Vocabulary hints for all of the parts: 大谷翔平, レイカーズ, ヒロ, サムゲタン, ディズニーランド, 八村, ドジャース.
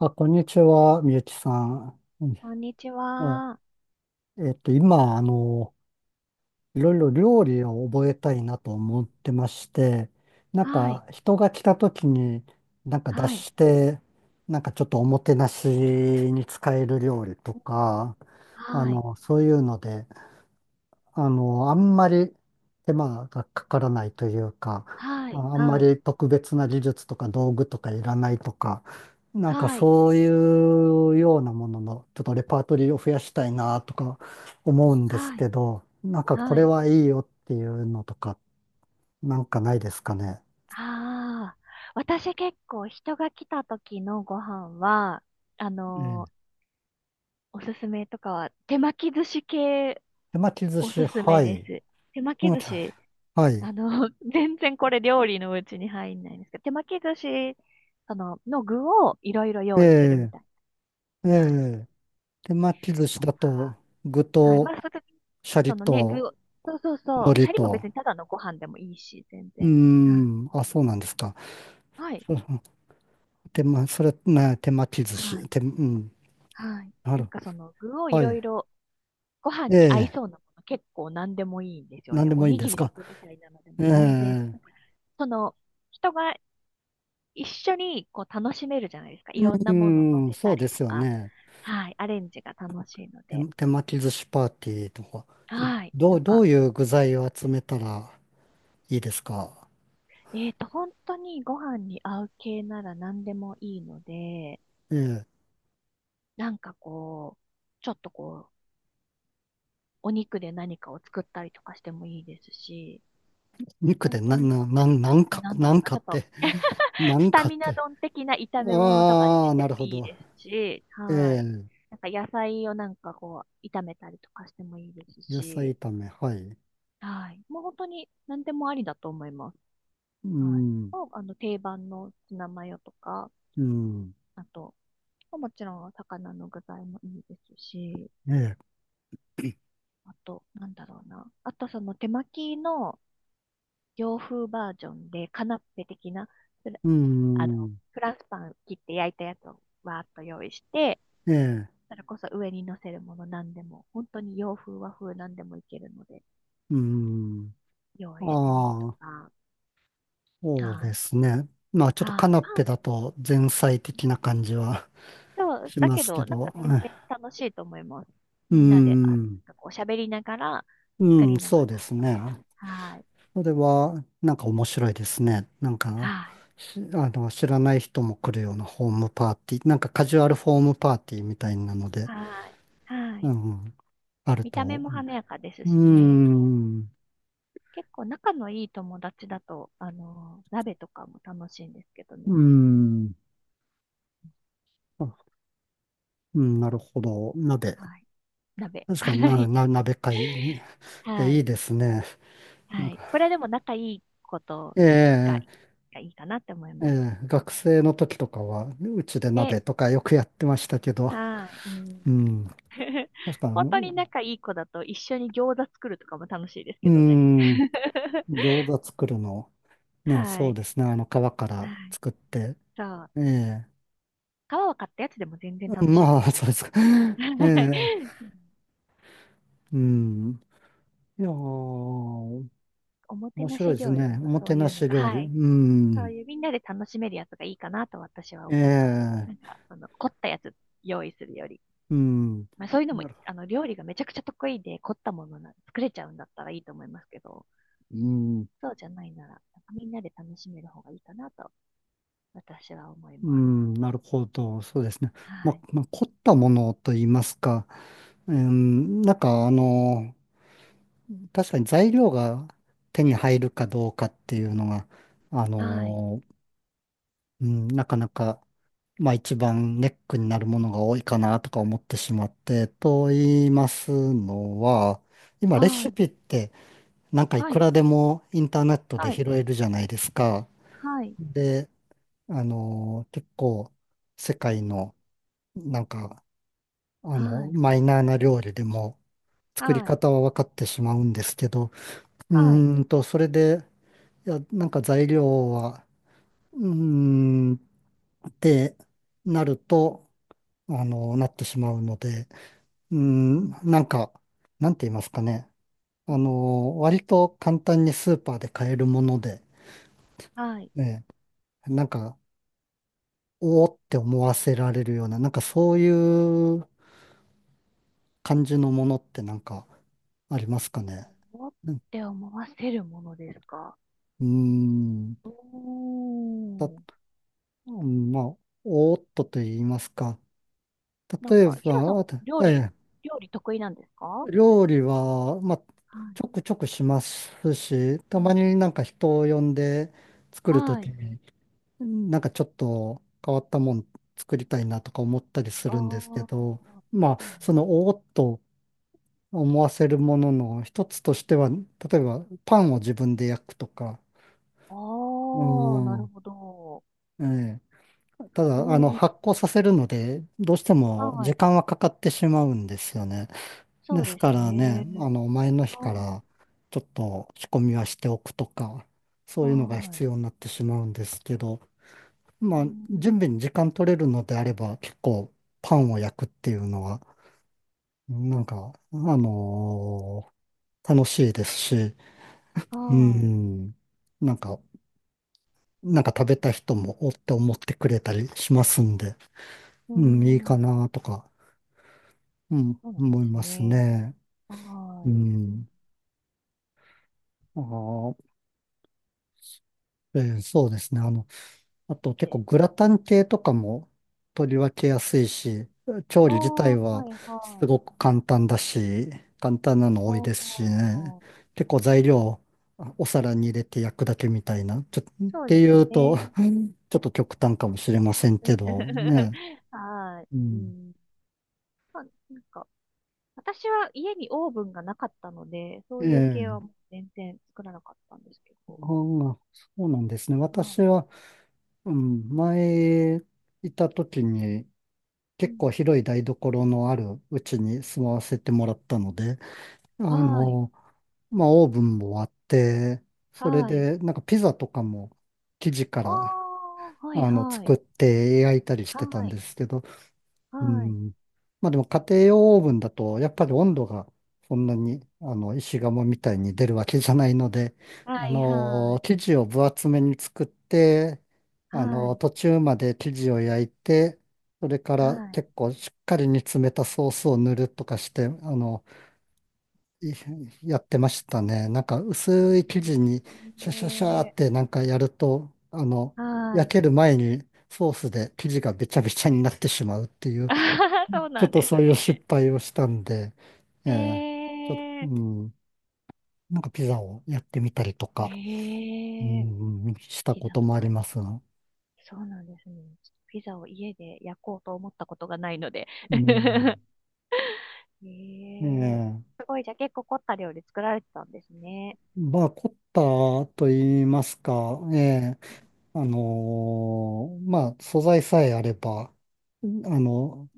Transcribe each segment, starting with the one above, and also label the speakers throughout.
Speaker 1: あ、こんにちは、みゆきさん。うん
Speaker 2: こんにち
Speaker 1: あ、
Speaker 2: は。
Speaker 1: えっと、今、あの、いろいろ料理を覚えたいなと思ってまして、なん
Speaker 2: はい。
Speaker 1: か、人が来た時に、なんか出
Speaker 2: はい。
Speaker 1: して、なんかちょっとおもてなしに使える料理とか、
Speaker 2: はい。
Speaker 1: そういうので、あんまり手間がかからないというか、
Speaker 2: はい。
Speaker 1: ああんま
Speaker 2: はい。
Speaker 1: り特別な技術とか道具とかいらないとか、なんか
Speaker 2: はい。
Speaker 1: そういうようなものの、ちょっとレパートリーを増やしたいなとか思うんです
Speaker 2: はい。
Speaker 1: けど、なんかこ
Speaker 2: は
Speaker 1: れ
Speaker 2: い。
Speaker 1: はいいよっていうのとか、なんかないですかね。
Speaker 2: ああ。私結構人が来た時のご飯は、あ
Speaker 1: え
Speaker 2: の
Speaker 1: え。
Speaker 2: ーおすすめとかは、手巻き寿司系
Speaker 1: 手巻き寿
Speaker 2: お
Speaker 1: 司、
Speaker 2: すすめ
Speaker 1: はい。
Speaker 2: です。手
Speaker 1: 手
Speaker 2: 巻き寿
Speaker 1: 巻き、
Speaker 2: 司、
Speaker 1: はい。
Speaker 2: 全然これ料理のうちに入んないんですけど、手巻き寿司、の具をいろいろ
Speaker 1: え
Speaker 2: 用意するみ
Speaker 1: え、
Speaker 2: たいな。
Speaker 1: え
Speaker 2: はい。
Speaker 1: え。手巻き寿司
Speaker 2: と
Speaker 1: だと、
Speaker 2: か、
Speaker 1: 具
Speaker 2: はい。ま
Speaker 1: と、
Speaker 2: あ、その時、
Speaker 1: シャリ
Speaker 2: そのね、
Speaker 1: と、
Speaker 2: 具を、そうそう
Speaker 1: 海
Speaker 2: そう。シ
Speaker 1: 苔
Speaker 2: ャリも別
Speaker 1: と、
Speaker 2: にただのご飯でもいいし、全
Speaker 1: うー
Speaker 2: 然。は
Speaker 1: ん、あ、そうなんですか。
Speaker 2: い。
Speaker 1: そう、手間、それ、ね、手巻き寿
Speaker 2: は
Speaker 1: 司。
Speaker 2: い。
Speaker 1: 手、うん、
Speaker 2: はい。
Speaker 1: な
Speaker 2: なん
Speaker 1: る。
Speaker 2: かその具をい
Speaker 1: は
Speaker 2: ろい
Speaker 1: い。
Speaker 2: ろ、ご飯
Speaker 1: え
Speaker 2: に合い
Speaker 1: え、
Speaker 2: そうなもの結構何でもいいんですよ
Speaker 1: なん
Speaker 2: ね。
Speaker 1: で
Speaker 2: お
Speaker 1: もいいん
Speaker 2: に
Speaker 1: で
Speaker 2: ぎ
Speaker 1: す
Speaker 2: りの
Speaker 1: か。
Speaker 2: 具みたいなのでも
Speaker 1: え
Speaker 2: 全然。
Speaker 1: え、
Speaker 2: その、人が一緒にこう楽しめるじゃないですか。いろん
Speaker 1: う
Speaker 2: なもの乗
Speaker 1: ん、
Speaker 2: せ
Speaker 1: そ
Speaker 2: た
Speaker 1: う
Speaker 2: り
Speaker 1: で
Speaker 2: と
Speaker 1: すよ
Speaker 2: か。
Speaker 1: ね。
Speaker 2: はい。アレンジが楽しいの
Speaker 1: 手、
Speaker 2: で。
Speaker 1: 手巻き寿司パーティーとか。え
Speaker 2: はい。
Speaker 1: ど
Speaker 2: な
Speaker 1: う、
Speaker 2: ん
Speaker 1: ど
Speaker 2: か、
Speaker 1: ういう具材を集めたらいいですか。
Speaker 2: 本当にご飯に合う系なら何でもいいので、
Speaker 1: ええ、
Speaker 2: なんかこう、ちょっとこう、お肉で何かを作ったりとかしてもいいですし、
Speaker 1: 肉
Speaker 2: 本
Speaker 1: で、
Speaker 2: 当に、
Speaker 1: なん
Speaker 2: あ、
Speaker 1: か、
Speaker 2: なんだ
Speaker 1: な
Speaker 2: ろう
Speaker 1: ん
Speaker 2: な、
Speaker 1: か
Speaker 2: ちょ
Speaker 1: っ
Speaker 2: っと
Speaker 1: て、な
Speaker 2: ス
Speaker 1: ん
Speaker 2: タ
Speaker 1: かっ
Speaker 2: ミナ
Speaker 1: て。
Speaker 2: 丼的な炒め物とかに
Speaker 1: あ
Speaker 2: し
Speaker 1: あ、
Speaker 2: て
Speaker 1: な
Speaker 2: も
Speaker 1: るほ
Speaker 2: いい
Speaker 1: ど。
Speaker 2: ですし、
Speaker 1: え
Speaker 2: はい。
Speaker 1: え、
Speaker 2: なんか野菜をなんかこう、炒めたりとかしてもいいです
Speaker 1: 野菜
Speaker 2: し、
Speaker 1: 炒め、はい。
Speaker 2: はい。もう本当に何でもありだと思います。
Speaker 1: う
Speaker 2: はい。
Speaker 1: ん、
Speaker 2: もう、定番のツナマヨとか、
Speaker 1: うん、
Speaker 2: あと、もちろん魚の具材もいいですし、
Speaker 1: ええ。
Speaker 2: あと、なんだろうな。あと、その手巻きの、洋風バージョンで、カナッペ的な、フラ
Speaker 1: うー
Speaker 2: あの、
Speaker 1: ん。
Speaker 2: フランスパン切って焼いたやつをわーっと用意して、
Speaker 1: ええ。
Speaker 2: それこそ上に乗せるもの何でも、本当に洋風和風何でもいけるので、
Speaker 1: うーん。
Speaker 2: 用意してみると
Speaker 1: ああ、
Speaker 2: か。
Speaker 1: そう
Speaker 2: は
Speaker 1: で
Speaker 2: い。
Speaker 1: すね。まあ、ちょっと
Speaker 2: は
Speaker 1: カ
Speaker 2: い。
Speaker 1: ナッ
Speaker 2: パ
Speaker 1: ペ
Speaker 2: ン、
Speaker 1: だと前菜的な感じは
Speaker 2: そう、
Speaker 1: し
Speaker 2: だ
Speaker 1: ま
Speaker 2: け
Speaker 1: すけ
Speaker 2: ど、なんか
Speaker 1: ど。
Speaker 2: 全然楽しいと思います。
Speaker 1: う
Speaker 2: みんなで、あ、
Speaker 1: ん。
Speaker 2: なんかおしゃべりながら、作
Speaker 1: う
Speaker 2: り
Speaker 1: ん、
Speaker 2: な
Speaker 1: そ
Speaker 2: が
Speaker 1: う
Speaker 2: ら
Speaker 1: です
Speaker 2: とか。
Speaker 1: ね。
Speaker 2: はい。
Speaker 1: それは、なんか面白いですね。
Speaker 2: はい。
Speaker 1: あの、知らない人も来るようなホームパーティー、なんかカジュアルホームパーティーみたいなので、
Speaker 2: はい。は
Speaker 1: う
Speaker 2: い。
Speaker 1: ん、ある
Speaker 2: 見た目
Speaker 1: と。
Speaker 2: も華やかです
Speaker 1: う
Speaker 2: しね。
Speaker 1: ん。う
Speaker 2: 結構仲のいい友達だと、鍋とかも楽しいんですけどね。
Speaker 1: ん。あ、うん、なるほど。鍋。
Speaker 2: はい。鍋。
Speaker 1: 確かに、
Speaker 2: はい。
Speaker 1: 鍋会。いや、
Speaker 2: は
Speaker 1: いい
Speaker 2: い。
Speaker 1: ですね。なん
Speaker 2: は
Speaker 1: か、
Speaker 2: い。これでも仲いいことが、
Speaker 1: ええ、
Speaker 2: がいいかなって思い
Speaker 1: え
Speaker 2: ます。
Speaker 1: え、学生の時とかは、うちで
Speaker 2: ね。
Speaker 1: 鍋とかよくやってましたけど、
Speaker 2: はい。うん。
Speaker 1: うん。確か
Speaker 2: 本当に
Speaker 1: に、
Speaker 2: 仲いい子だと一緒に餃子作るとかも楽しいです
Speaker 1: う
Speaker 2: けどね。
Speaker 1: ん、餃子作るの、ね、
Speaker 2: は
Speaker 1: そう
Speaker 2: い。
Speaker 1: ですね。あの、皮か
Speaker 2: は
Speaker 1: ら
Speaker 2: い。
Speaker 1: 作って、
Speaker 2: そう。
Speaker 1: ええ、
Speaker 2: 皮を買ったやつでも全然楽しいと
Speaker 1: まあ、
Speaker 2: 思い
Speaker 1: そうで
Speaker 2: ます。
Speaker 1: すか。ええ、
Speaker 2: うん。
Speaker 1: うん。いやー、
Speaker 2: おもて
Speaker 1: 面
Speaker 2: な
Speaker 1: 白
Speaker 2: し
Speaker 1: いです
Speaker 2: 料理だ
Speaker 1: ね。お
Speaker 2: と
Speaker 1: も
Speaker 2: そ
Speaker 1: て
Speaker 2: う
Speaker 1: な
Speaker 2: いうの
Speaker 1: し
Speaker 2: が、
Speaker 1: 料理。
Speaker 2: はい、
Speaker 1: う
Speaker 2: そう
Speaker 1: ん。
Speaker 2: いうみんなで楽しめるやつがいいかなと私は思います。
Speaker 1: え
Speaker 2: なん
Speaker 1: え、
Speaker 2: か、凝ったやつ用意するより。
Speaker 1: うん。
Speaker 2: まあそういうのも、
Speaker 1: なるほ
Speaker 2: 料理がめちゃくちゃ得意で凝ったものな、作れちゃうんだったらいいと思いますけど、
Speaker 1: ど。うん、
Speaker 2: そうじゃないなら、なんかみんなで楽しめる方がいいかなと私は思い
Speaker 1: う
Speaker 2: ます。
Speaker 1: ん、なるほど。そうですね。
Speaker 2: はい。
Speaker 1: まあ、凝ったものと言いますか、うん、あの、確かに材料が手に入るかどうかっていうのが、あ
Speaker 2: はい。
Speaker 1: の、うん、なかなか、まあ一番ネックになるものが多いかなとか思ってしまって、と言いますのは、今レ
Speaker 2: は
Speaker 1: シ
Speaker 2: い。
Speaker 1: ピって、なんかい
Speaker 2: は
Speaker 1: く
Speaker 2: い。
Speaker 1: らでもインターネットで拾えるじゃないですか。
Speaker 2: はい。
Speaker 1: で、結構世界の、なんか
Speaker 2: はい。
Speaker 1: マイナーな料理でも
Speaker 2: はい。
Speaker 1: 作り
Speaker 2: はい。
Speaker 1: 方は分かってしまうんですけど、う
Speaker 2: はい。
Speaker 1: ーんと、それで、いや、なんか材料は、うーん、ってなると、なってしまうので、うー
Speaker 2: う
Speaker 1: ん、
Speaker 2: ん。
Speaker 1: なんか、なんて言いますかね。割と簡単にスーパーで買えるもので、
Speaker 2: はい。
Speaker 1: ね、なんか、おおって思わせられるような、なんかそういう感じのものって、なんかありますかね。
Speaker 2: おっ
Speaker 1: うん。
Speaker 2: て思わせるものですか。
Speaker 1: うーん
Speaker 2: お
Speaker 1: た、
Speaker 2: ー。
Speaker 1: うん、まあ、おーっとと言いますか。
Speaker 2: なん
Speaker 1: 例え
Speaker 2: か、ヒロさん、
Speaker 1: ば、あと
Speaker 2: 料
Speaker 1: え
Speaker 2: 理、
Speaker 1: え、
Speaker 2: 料理得意なんですか？は
Speaker 1: 料理は、まあ、ちょくちょくしますし、た
Speaker 2: い。う
Speaker 1: ま
Speaker 2: ん。
Speaker 1: になんか人を呼んで作ると
Speaker 2: は
Speaker 1: き
Speaker 2: い。
Speaker 1: に、なんかちょっと変わったもん作りたいなとか思ったりす
Speaker 2: あ
Speaker 1: るんですけど、
Speaker 2: あ、
Speaker 1: ま
Speaker 2: そ
Speaker 1: あ、
Speaker 2: うな
Speaker 1: そ
Speaker 2: ん
Speaker 1: のおーっと思わせるものの一つとしては、例えばパンを自分で焼くとか、
Speaker 2: ああ
Speaker 1: う
Speaker 2: ー、なる
Speaker 1: ん、
Speaker 2: ほど。
Speaker 1: ええ、た
Speaker 2: う
Speaker 1: だ、
Speaker 2: ん。
Speaker 1: 発酵させるので、どうしても
Speaker 2: は
Speaker 1: 時
Speaker 2: い。
Speaker 1: 間はかかってしまうんですよね。
Speaker 2: そ
Speaker 1: で
Speaker 2: うで
Speaker 1: すか
Speaker 2: す
Speaker 1: らね、
Speaker 2: ね。
Speaker 1: 前の日か
Speaker 2: は
Speaker 1: らちょっと仕込みはしておくとか、そ
Speaker 2: い。
Speaker 1: ういうのが
Speaker 2: は
Speaker 1: 必要
Speaker 2: い。
Speaker 1: になってしまうんですけど、
Speaker 2: う
Speaker 1: まあ、
Speaker 2: ん。
Speaker 1: 準備に時間取れるのであれば、結構パンを焼くっていうのは、なんか、あの楽しいですし、う
Speaker 2: はい。
Speaker 1: ん、なんか、なんか食べた人もおって思ってくれたりしますんで、
Speaker 2: う
Speaker 1: うん、いいか
Speaker 2: ん。
Speaker 1: なとか。うん、
Speaker 2: そうなんで
Speaker 1: 思い
Speaker 2: す
Speaker 1: ます
Speaker 2: ね。
Speaker 1: ね。う
Speaker 2: はい。うん。
Speaker 1: ん。あー、えー、そうですね。あと結構
Speaker 2: で、
Speaker 1: グラタン系とかも取り分けやすいし、調
Speaker 2: あ
Speaker 1: 理自
Speaker 2: あ、
Speaker 1: 体
Speaker 2: は
Speaker 1: は
Speaker 2: い、
Speaker 1: す
Speaker 2: はい。
Speaker 1: ごく簡単だし、簡単なの
Speaker 2: あ
Speaker 1: 多いですしね。
Speaker 2: あ、
Speaker 1: 結構材料、あ、お皿に入れて焼くだけみたいな。っ
Speaker 2: そう
Speaker 1: て
Speaker 2: で
Speaker 1: い
Speaker 2: す
Speaker 1: うと、
Speaker 2: ね。
Speaker 1: うん、ちょっと極端かもしれませんけどね。
Speaker 2: は
Speaker 1: う
Speaker 2: い。う
Speaker 1: ん。
Speaker 2: ん。まあ、なんか、私は家にオーブンがなかったので、そういう系はもう
Speaker 1: ええ、
Speaker 2: 全然作らなかったんですけ
Speaker 1: あ
Speaker 2: ど。
Speaker 1: あ、そうなんですね。
Speaker 2: は
Speaker 1: 私は、うん、前いた時に、
Speaker 2: い。う
Speaker 1: 結
Speaker 2: ん。
Speaker 1: 構広い台所のあるうちに住まわせてもらったので、あ
Speaker 2: はい。
Speaker 1: の、まあ、オーブンもあって、それ
Speaker 2: はい。
Speaker 1: で、なんかピザとかも生地か
Speaker 2: あ
Speaker 1: ら、
Speaker 2: あ、はいはい。
Speaker 1: 作って焼いたりし
Speaker 2: は
Speaker 1: てたん
Speaker 2: い。
Speaker 1: ですけど、う
Speaker 2: はい。
Speaker 1: ん。まあでも家庭用オーブンだと、やっぱり温度がそんなに、石窯みたいに出るわけじゃないので、
Speaker 2: はいはい。
Speaker 1: 生地を分厚めに作って、
Speaker 2: はい。
Speaker 1: 途中まで生地を焼いて、それか
Speaker 2: は
Speaker 1: ら
Speaker 2: い。
Speaker 1: 結構しっかり煮詰めたソースを塗るとかして、いやってましたね。なんか薄い生地にシャシャシャーって
Speaker 2: え
Speaker 1: なんかやると、
Speaker 2: は
Speaker 1: 焼
Speaker 2: い。
Speaker 1: ける前にソースで生地がべちゃべちゃになってしまうってい う、
Speaker 2: あははそう
Speaker 1: ちょ
Speaker 2: な
Speaker 1: っ
Speaker 2: ん
Speaker 1: と
Speaker 2: で
Speaker 1: そ
Speaker 2: す
Speaker 1: ういう
Speaker 2: ね。
Speaker 1: 失敗をしたんで、ええ、ちょっと、
Speaker 2: え
Speaker 1: うん、なんかピザをやってみたりと
Speaker 2: ー、
Speaker 1: か、
Speaker 2: え
Speaker 1: う
Speaker 2: ー、
Speaker 1: ん、うん、した
Speaker 2: ピ
Speaker 1: こ
Speaker 2: ザ
Speaker 1: と
Speaker 2: と
Speaker 1: もあ
Speaker 2: か、
Speaker 1: りますが。
Speaker 2: そうなんですね。ピザを家で焼こうと思ったことがないので。
Speaker 1: うん、
Speaker 2: ええ
Speaker 1: ええ、
Speaker 2: すごい、じゃあ結構凝った料理作られてたんですね。
Speaker 1: まあ、凝ったと言いますか、ええ、あのー、まあ、素材さえあれば、あの、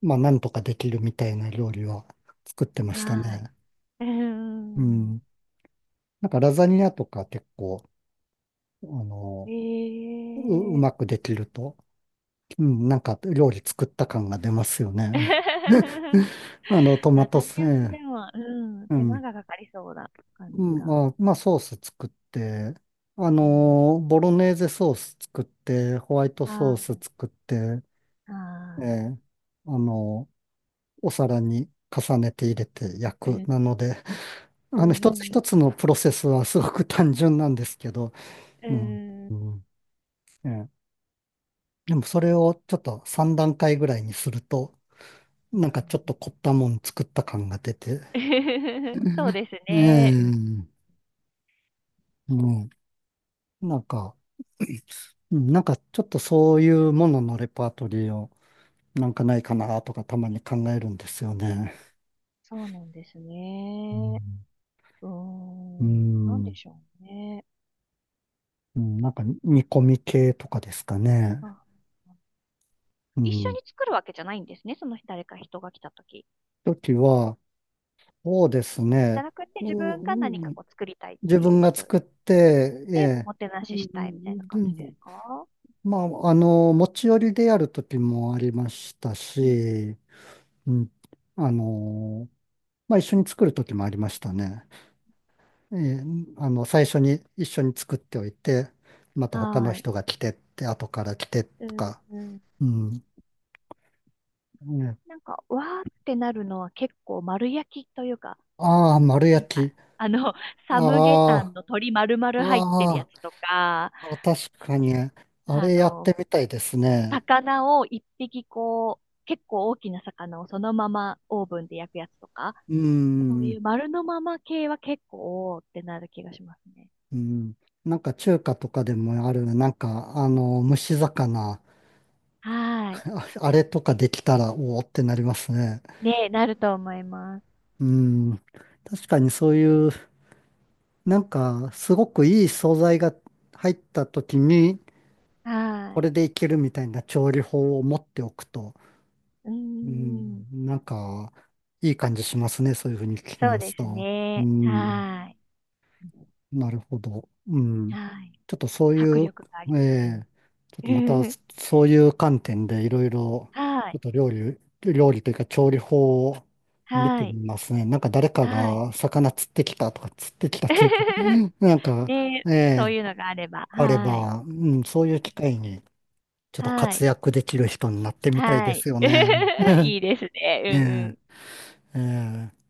Speaker 1: まあ、なんとかできるみたいな料理は作ってました
Speaker 2: はい。
Speaker 1: ね。
Speaker 2: う
Speaker 1: う
Speaker 2: ん。
Speaker 1: ん。なんか、ラザニアとか結構、あの、う、う
Speaker 2: ええ
Speaker 1: まくできると、うん、なんか料理作った感が出ますよね。あの、トマ
Speaker 2: ラ
Speaker 1: ト
Speaker 2: ザ
Speaker 1: ス、
Speaker 2: ニ
Speaker 1: え
Speaker 2: アもで
Speaker 1: え、
Speaker 2: も、うん、
Speaker 1: う
Speaker 2: 手間
Speaker 1: ん。
Speaker 2: がかかりそうな感
Speaker 1: う
Speaker 2: じ
Speaker 1: ん、
Speaker 2: が。
Speaker 1: まあ、まあ、ソース作って、
Speaker 2: うん。
Speaker 1: ボロネーゼソース作って、ホワイトソース
Speaker 2: は
Speaker 1: 作って、
Speaker 2: い。
Speaker 1: え
Speaker 2: は
Speaker 1: え、あの、お皿に重ねて入れて焼
Speaker 2: い。う
Speaker 1: く。な
Speaker 2: ん。
Speaker 1: ので、
Speaker 2: う
Speaker 1: 一つ
Speaker 2: ん。
Speaker 1: 一つのプロセスはすごく単純なんですけど、
Speaker 2: う
Speaker 1: うん。
Speaker 2: ん。
Speaker 1: うん、ええ、でもそれをちょっと3段階ぐらいにすると、
Speaker 2: う
Speaker 1: な
Speaker 2: ん。
Speaker 1: んかちょっと凝ったもん作った感が出て、う
Speaker 2: そうです
Speaker 1: ん、
Speaker 2: ね。うん。
Speaker 1: ええ、うん、なんか、うん、なんかちょっとそういうもののレパートリーをなんかないかなとかたまに考えるんですよね。
Speaker 2: そうなんです
Speaker 1: う
Speaker 2: ね。
Speaker 1: ん、
Speaker 2: うー
Speaker 1: う
Speaker 2: ん。なんで
Speaker 1: ん、
Speaker 2: しょうね。
Speaker 1: うん、なんか煮込み系とかですかね。
Speaker 2: あ。
Speaker 1: う
Speaker 2: 一緒
Speaker 1: ん。
Speaker 2: に作るわけじゃないんですね、その誰か人が来た時。
Speaker 1: 時は、そうです
Speaker 2: じゃ
Speaker 1: ね。
Speaker 2: なくて、自分が何
Speaker 1: う
Speaker 2: か
Speaker 1: ん、
Speaker 2: こう作りたいっ
Speaker 1: 自
Speaker 2: てい
Speaker 1: 分
Speaker 2: う
Speaker 1: が
Speaker 2: 人
Speaker 1: 作って、え
Speaker 2: で、お
Speaker 1: え、
Speaker 2: もてな
Speaker 1: う
Speaker 2: ししたいみたいな感じで
Speaker 1: ん、
Speaker 2: すか？
Speaker 1: まあ、持ち寄りでやる時もありました
Speaker 2: うん。
Speaker 1: し、うん、あの、まあ、一緒に作る時もありましたね。えー、あの、最初に一緒に作っておいて、また他の
Speaker 2: はい。
Speaker 1: 人が来てって、後から来て
Speaker 2: う
Speaker 1: と
Speaker 2: ん、
Speaker 1: か、
Speaker 2: うん。
Speaker 1: うん。ね、
Speaker 2: なんか、わーってなるのは結構丸焼きというか、
Speaker 1: ああ、丸
Speaker 2: なんか、
Speaker 1: 焼き。
Speaker 2: あの、サムゲタン
Speaker 1: あ
Speaker 2: の鶏丸
Speaker 1: あ、
Speaker 2: 々入ってるや
Speaker 1: あ
Speaker 2: つとか、
Speaker 1: あ、確かに、あ
Speaker 2: あ
Speaker 1: れやっ
Speaker 2: の、
Speaker 1: てみたいですね。
Speaker 2: 魚を一匹こう、結構大きな魚をそのままオーブンで焼くやつとか、
Speaker 1: う
Speaker 2: そうい
Speaker 1: ん、
Speaker 2: う丸のまま系は結構、おーってなる気がしますね。
Speaker 1: うん。なんか中華とかでもある、なんか、蒸し魚。
Speaker 2: はーい。
Speaker 1: あ、あれとかできたら、おおってなりますね。
Speaker 2: ね、なると思います。
Speaker 1: うん。確かにそういう、なんか、すごくいい素材が入った時に、
Speaker 2: は
Speaker 1: こ
Speaker 2: ーい。
Speaker 1: れでいけるみたいな調理法を持っておくと、
Speaker 2: うー
Speaker 1: う
Speaker 2: ん。
Speaker 1: ん、なんか、いい感じしますね。そういうふうに聞き
Speaker 2: そう
Speaker 1: ます
Speaker 2: です
Speaker 1: と。う
Speaker 2: ね。
Speaker 1: ん。
Speaker 2: はーい。
Speaker 1: なるほど。うん。
Speaker 2: はーい。
Speaker 1: ちょっとそうい
Speaker 2: 迫
Speaker 1: う、
Speaker 2: 力があり
Speaker 1: え
Speaker 2: ます。
Speaker 1: え、ちょっと
Speaker 2: う
Speaker 1: また
Speaker 2: ん。
Speaker 1: そういう観点でいろいろ、
Speaker 2: はー
Speaker 1: ちょっと
Speaker 2: い。
Speaker 1: 料理、料理というか調理法を見
Speaker 2: は
Speaker 1: て
Speaker 2: ーい。
Speaker 1: みますね。なんか誰か
Speaker 2: はーい。
Speaker 1: が魚釣ってきたとか、釣ってきたというか、なんか、
Speaker 2: ね、
Speaker 1: え
Speaker 2: そう
Speaker 1: え、
Speaker 2: いうのがあれば。
Speaker 1: あれ
Speaker 2: はーい。
Speaker 1: ば、うん、そういう機会にちょっと
Speaker 2: はー
Speaker 1: 活
Speaker 2: い。
Speaker 1: 躍できる人になってみ
Speaker 2: は
Speaker 1: たいですよ
Speaker 2: ーい。
Speaker 1: ね。う
Speaker 2: い
Speaker 1: ん、
Speaker 2: いですね。うんうん。
Speaker 1: えええ